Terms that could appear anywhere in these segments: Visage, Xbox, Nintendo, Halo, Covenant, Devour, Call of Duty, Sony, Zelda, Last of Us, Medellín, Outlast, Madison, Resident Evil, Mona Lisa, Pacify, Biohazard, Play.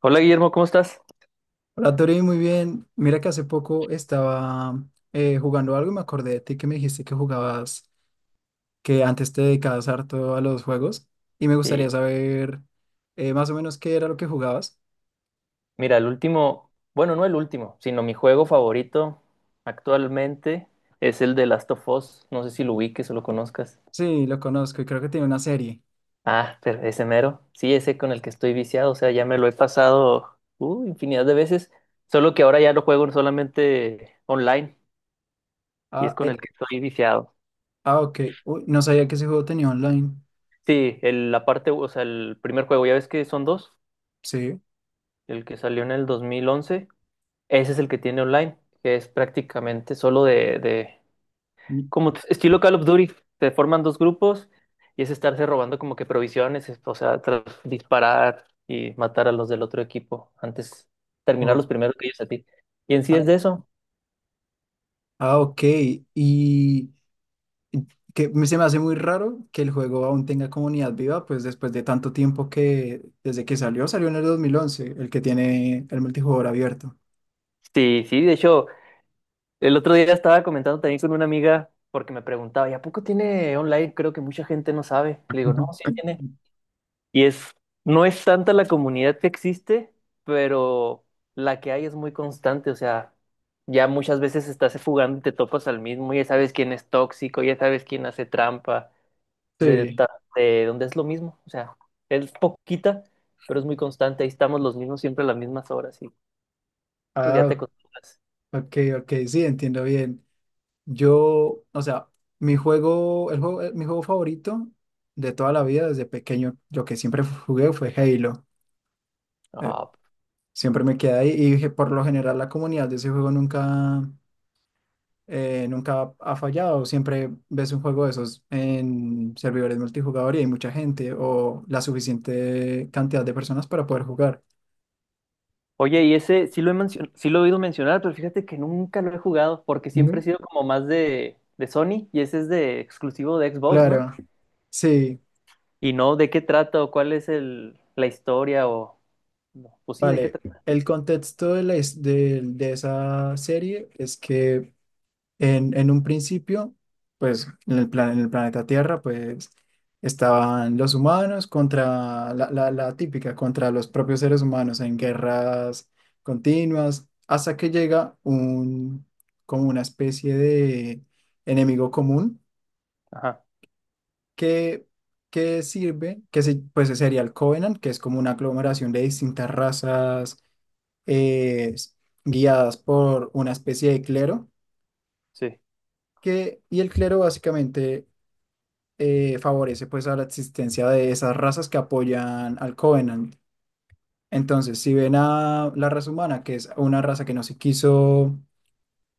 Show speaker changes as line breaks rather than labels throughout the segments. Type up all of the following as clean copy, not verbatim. Hola Guillermo, ¿cómo estás?
Hola, Tori, muy bien. Mira que hace poco estaba jugando algo y me acordé de ti que me dijiste que jugabas, que antes te dedicabas harto a los juegos y me
Sí,
gustaría saber más o menos qué era lo que jugabas.
mira, el último, bueno, no el último, sino mi juego favorito actualmente es el de Last of Us. No sé si lo ubiques o lo conozcas.
Sí, lo conozco y creo que tiene una serie.
Ah, pero ese mero. Sí, ese con el que estoy viciado, o sea, ya me lo he pasado infinidad de veces, solo que ahora ya lo juego solamente online y es
Ah,
con el que estoy viciado.
ah, ok. Uy, no sabía que ese juego tenía online.
Sí, el, la parte, o sea, el primer juego, ya ves que son dos,
Sí.
el que salió en el 2011, ese es el que tiene online, que es prácticamente solo de
Y-
estilo Call of Duty, te forman dos grupos y es estarse robando como que provisiones, o sea, disparar y matar a los del otro equipo antes terminar
o-
los primeros que ellos a ti. Y en sí
ah,
es de eso.
ah, ok. ¿Y, Se me hace muy raro que el juego aún tenga comunidad viva, pues después de tanto tiempo que desde que salió, salió en el 2011 el que tiene el multijugador abierto.
Sí, sí, de hecho, el otro día estaba comentando también con una amiga porque me preguntaba, ¿y a poco tiene online? Creo que mucha gente no sabe. Le digo, no, sí tiene. Y es, no es tanta la comunidad que existe, pero la que hay es muy constante. O sea, ya muchas veces estás fugando y te topas al mismo, ya sabes quién es tóxico, ya sabes quién hace trampa, de,
Sí,
ta- de donde es lo mismo. O sea, es poquita, pero es muy constante. Ahí estamos los mismos siempre a las mismas horas y pues ya te
ah,
acostumbras.
ok, ok, sí, entiendo bien. Yo, o sea, mi juego, el juego, mi juego favorito de toda la vida desde pequeño, lo que siempre jugué fue Halo. Eh,
Ah,
siempre me quedé ahí y dije, por lo general la comunidad de ese juego nunca ha fallado. Siempre ves un juego de esos en servidores multijugador y hay mucha gente o la suficiente cantidad de personas para poder jugar.
oye, y ese sí lo sí lo he oído mencionar, pero fíjate que nunca lo he jugado porque siempre
¿No?
he sido como más de Sony y ese es de exclusivo de Xbox, ¿no?
Claro, sí,
Y no, ¿de qué trata o cuál es el, la historia o... no, pues sí, ¿de qué
vale.
trata?
El contexto de, de esa serie es que en un principio, pues en el planeta Tierra, pues estaban los humanos contra la típica, contra los propios seres humanos en guerras continuas, hasta que llega un, como una especie de enemigo común
Ajá,
que, que sirve, pues sería el Covenant, que es como una aglomeración de distintas razas eh, guiadas por una especie de clero
sí.
que, y el clero básicamente favorece pues a la existencia de esas razas que apoyan al Covenant. Entonces, si ven a la raza humana, que es una raza que no se quiso,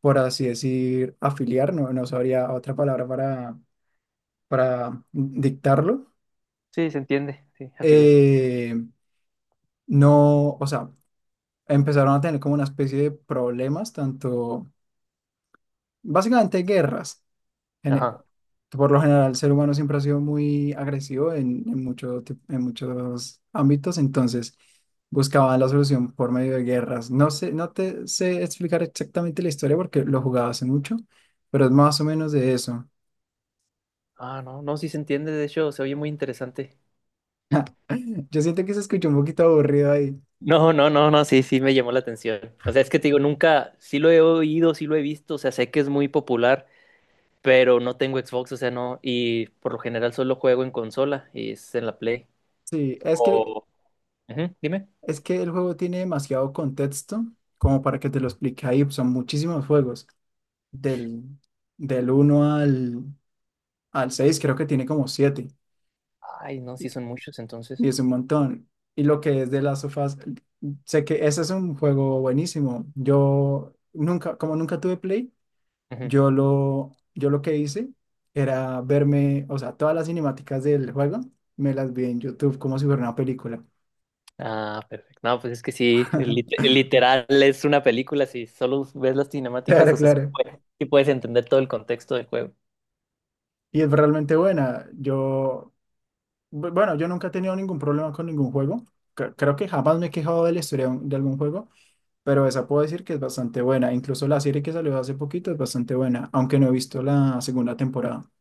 por así decir, afiliar, no, no sabría otra palabra para dictarlo,
Sí, se entiende, sí, afiliar.
eh, no, o sea, empezaron a tener como una especie de problemas, tanto, básicamente guerras. gene-
Ajá.
que por lo general el ser humano siempre ha sido muy agresivo en, en muchos ámbitos, entonces buscaba la solución por medio de guerras. No sé, no te sé explicar exactamente la historia porque lo jugaba hace mucho, pero es más o menos de eso.
Ah, no, no, sí se entiende, de hecho, se oye muy interesante.
Yo siento que se escuchó un poquito aburrido ahí.
No, no, no, no, sí, sí me llamó la atención. O sea, es que te digo, nunca, sí lo he oído, sí lo he visto, o sea, sé que es muy popular, pero no tengo Xbox, o sea, no, y por lo general solo juego en consola y es en la Play.
Sí, es que,
O... ujú, dime.
es que el juego tiene demasiado contexto como para que te lo explique ahí. Son muchísimos juegos. Del, del uno al, al 6 creo que tiene como siete.
Ay, no, sí son muchos
Y
entonces.
es un montón. Y lo que es de las sofás, sé que ese es un juego buenísimo. Yo nunca, como nunca tuve Play, yo lo que hice era verme, o sea, todas las cinemáticas del juego, me las vi en YouTube como si fuera una película.
Ah, perfecto. No, pues es que sí, literal es una película, si solo ves las cinemáticas,
Claro,
o sea,
claro.
sí puedes entender todo el contexto del juego.
Y es realmente buena. Yo, bueno, yo nunca he tenido ningún problema con ningún juego. Creo que jamás me he quejado de la historia de de algún juego, pero esa puedo decir que es bastante buena. Incluso la serie que salió hace poquito es bastante buena, aunque no he visto la segunda temporada.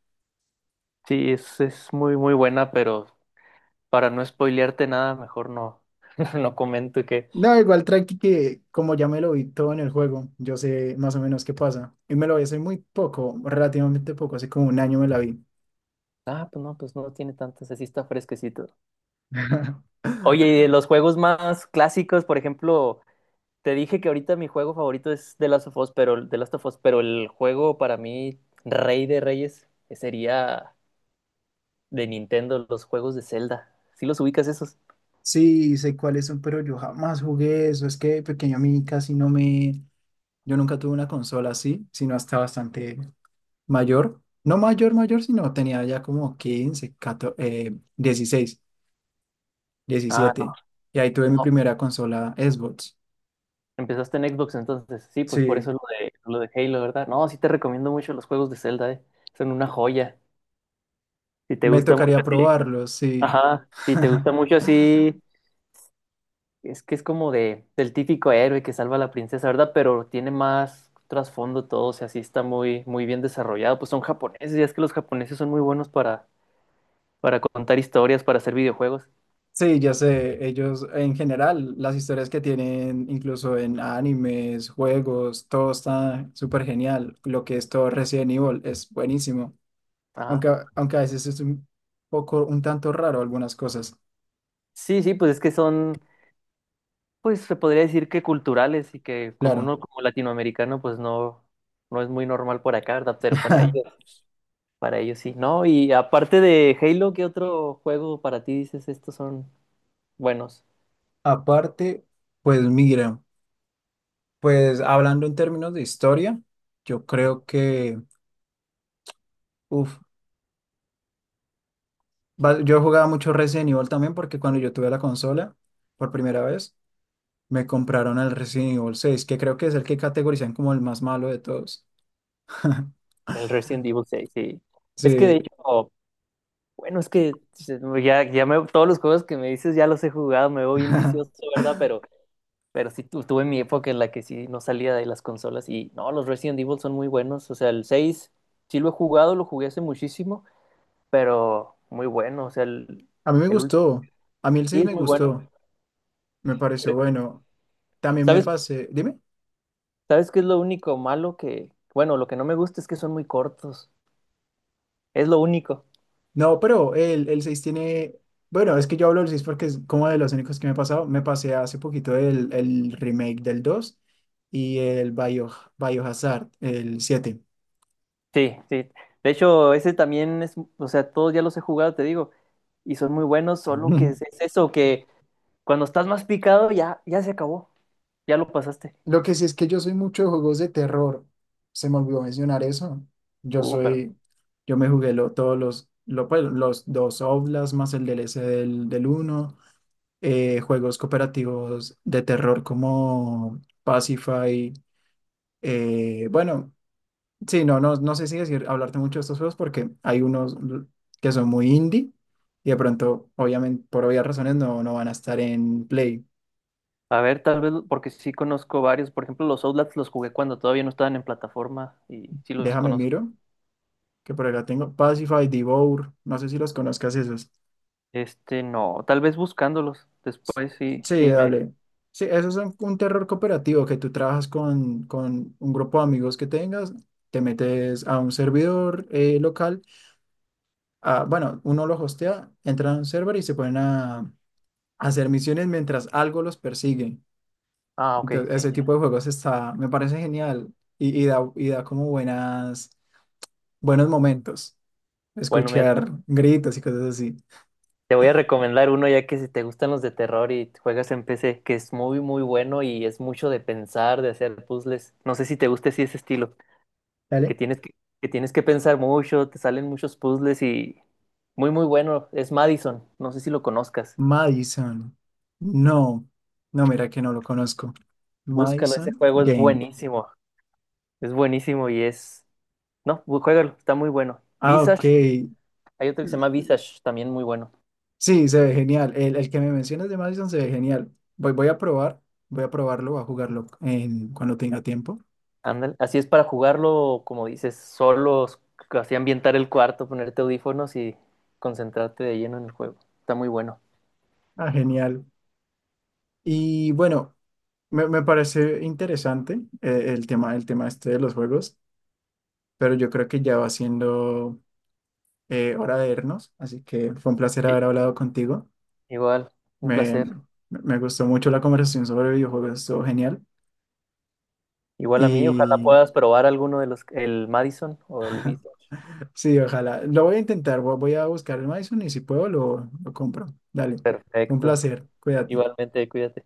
Sí, es muy, muy buena, pero para no spoilearte nada, mejor no, no comento que,
No, igual Traki que como ya me lo vi todo en el juego, yo sé más o menos qué pasa. Y me lo vi hace muy poco, relativamente poco, hace como un año me la vi.
ah, pues no tiene tantas, así está fresquecito. Oye, y de los juegos más clásicos, por ejemplo, te dije que ahorita mi juego favorito es The Last of Us, pero, The Last of Us, pero el juego para mí, rey de reyes, sería... de Nintendo, los juegos de Zelda. ¿Sí los ubicas esos?
Sí, sé cuáles son, pero yo jamás jugué eso. Es que de pequeño a mí casi no me... Yo nunca tuve una consola así, sino hasta bastante mayor. No mayor, mayor, sino tenía ya como 15, 14, 16,
Ah,
17. Y ahí tuve
no,
mi
no.
primera consola Xbox.
Empezaste en Xbox, entonces sí, pues por
Sí,
eso lo de Halo, ¿verdad? No, sí te recomiendo mucho los juegos de Zelda, ¿eh? Son una joya. Si te
me
gusta mucho
tocaría
así,
probarlos, sí.
ajá, si te gusta mucho así, es que es como de, del típico héroe que salva a la princesa, ¿verdad? Pero tiene más trasfondo todo, o sea, sí está muy, muy bien desarrollado. Pues son japoneses, y es que los japoneses son muy buenos para contar historias, para hacer videojuegos.
Sí, ya sé, ellos en general, las historias que tienen, incluso en animes, juegos, todo está súper genial. Lo que es todo Resident Evil es buenísimo,
Ah,
aunque, aunque a veces es un poco, un tanto raro algunas cosas,
sí, sí, pues es que son, pues se podría decir que culturales y que como
claro.
uno como latinoamericano pues no, no es muy normal por acá, ¿verdad? Pero para ellos sí, ¿no? Y aparte de Halo, ¿qué otro juego para ti dices estos son buenos?
Aparte, pues mira, pues hablando en términos de historia, yo creo que, yo jugaba mucho Resident Evil también porque cuando yo tuve la consola por primera vez, me compraron el Resident Evil 6 que creo que es el que categorizan como el más malo de todos.
El Resident Evil seis sí. Es que de
Sí,
hecho, bueno, es que ya, ya me, todos los juegos que me dices ya los he jugado, me veo bien
a
vicioso, ¿verdad? Pero sí tuve mi época en la que sí no salía de las consolas y no, los Resident Evil son muy buenos, o sea, el 6 sí lo he jugado, lo jugué hace muchísimo. Pero muy bueno, o sea,
mí me
el último
gustó, a mí el
sí
seis
es
me
muy bueno.
gustó, me pareció bueno. También me
¿Sabes,
pasé, dime,
sabes qué es lo único malo que, bueno, lo que no me gusta es que son muy cortos, es lo único.
no, pero el 6 tiene, bueno, es que yo hablo del 6 porque es como de los únicos que me he pasado, me pasé hace poquito el remake del 2 y el Bio, Biohazard, el siete.
Sí, sí. De hecho, ese también es, o sea, todos ya los he jugado, te digo, y son muy buenos, solo que es eso, que cuando estás más picado ya, ya se acabó, ya lo pasaste.
Lo que sí es que yo soy mucho de juegos de terror. Se me olvidó mencionar eso. Yo
Pero,
soy, yo me jugué todos pues, los dos Outlast más el DLC del uno, juegos cooperativos de terror como Pacify. Bueno, sí, no, no, no sé si decir, hablarte mucho de estos juegos porque hay unos que son muy indie y de pronto, obviamente, por obvias razones, no, no van a estar en Play.
a ver, tal vez, porque sí conozco varios, por ejemplo, los Outlast los jugué cuando todavía no estaban en plataforma y sí los
Déjame
conozco.
miro. Que por acá tengo, Pacify, Devour, no sé si los conozcas esos.
Este, no, tal vez buscándolos. Después sí,
Sí,
sí me.
dale. Sí, esos son un terror cooperativo que tú trabajas con un grupo de amigos que tengas, te metes a un servidor local, ah, bueno, uno lo hostea, entran a un server y se ponen a hacer misiones mientras algo los persigue.
Ah, ok,
Entonces,
sí.
ese tipo
Ya.
de juegos está, me parece genial y da como buenas, buenos momentos,
Bueno, mira,
escuchar gritos y cosas así.
te voy a recomendar uno ya que si te gustan los de terror y juegas en PC, que es muy, muy bueno y es mucho de pensar, de hacer puzzles. No sé si te gusta así ese estilo, que
Dale.
tienes que, que tienes que pensar mucho, te salen muchos puzzles y muy, muy bueno. Es Madison, no sé si lo conozcas.
Madison. No, no, mira que no lo conozco.
Búscalo, ese
Madison
juego es
Game.
buenísimo. Es buenísimo y es. No, juégalo, está muy bueno.
Ah, ok.
Visage, hay otro que se llama Visage, también muy bueno.
Sí, se ve genial. El que me mencionas de Madison se ve genial. Voy a probar, voy a probarlo, voy a jugarlo en, cuando tenga tiempo.
Ándale, así es para jugarlo, como dices, solos, así ambientar el cuarto, ponerte audífonos y concentrarte de lleno en el juego. Está muy bueno.
Ah, genial. Y bueno, me parece interesante el tema, este de los juegos, pero yo creo que ya va siendo hora de irnos, así que fue un placer haber
Sí.
hablado contigo.
Igual, un
Me,
placer.
me gustó mucho la conversación sobre videojuegos, estuvo genial.
Igual a mí, ojalá
Y
puedas probar alguno de los, el Madison o el Vista.
sí, ojalá. Lo voy a intentar, voy a buscar el Madison y si puedo lo compro. Dale, fue un
Perfecto.
placer, cuídate.
Igualmente, cuídate.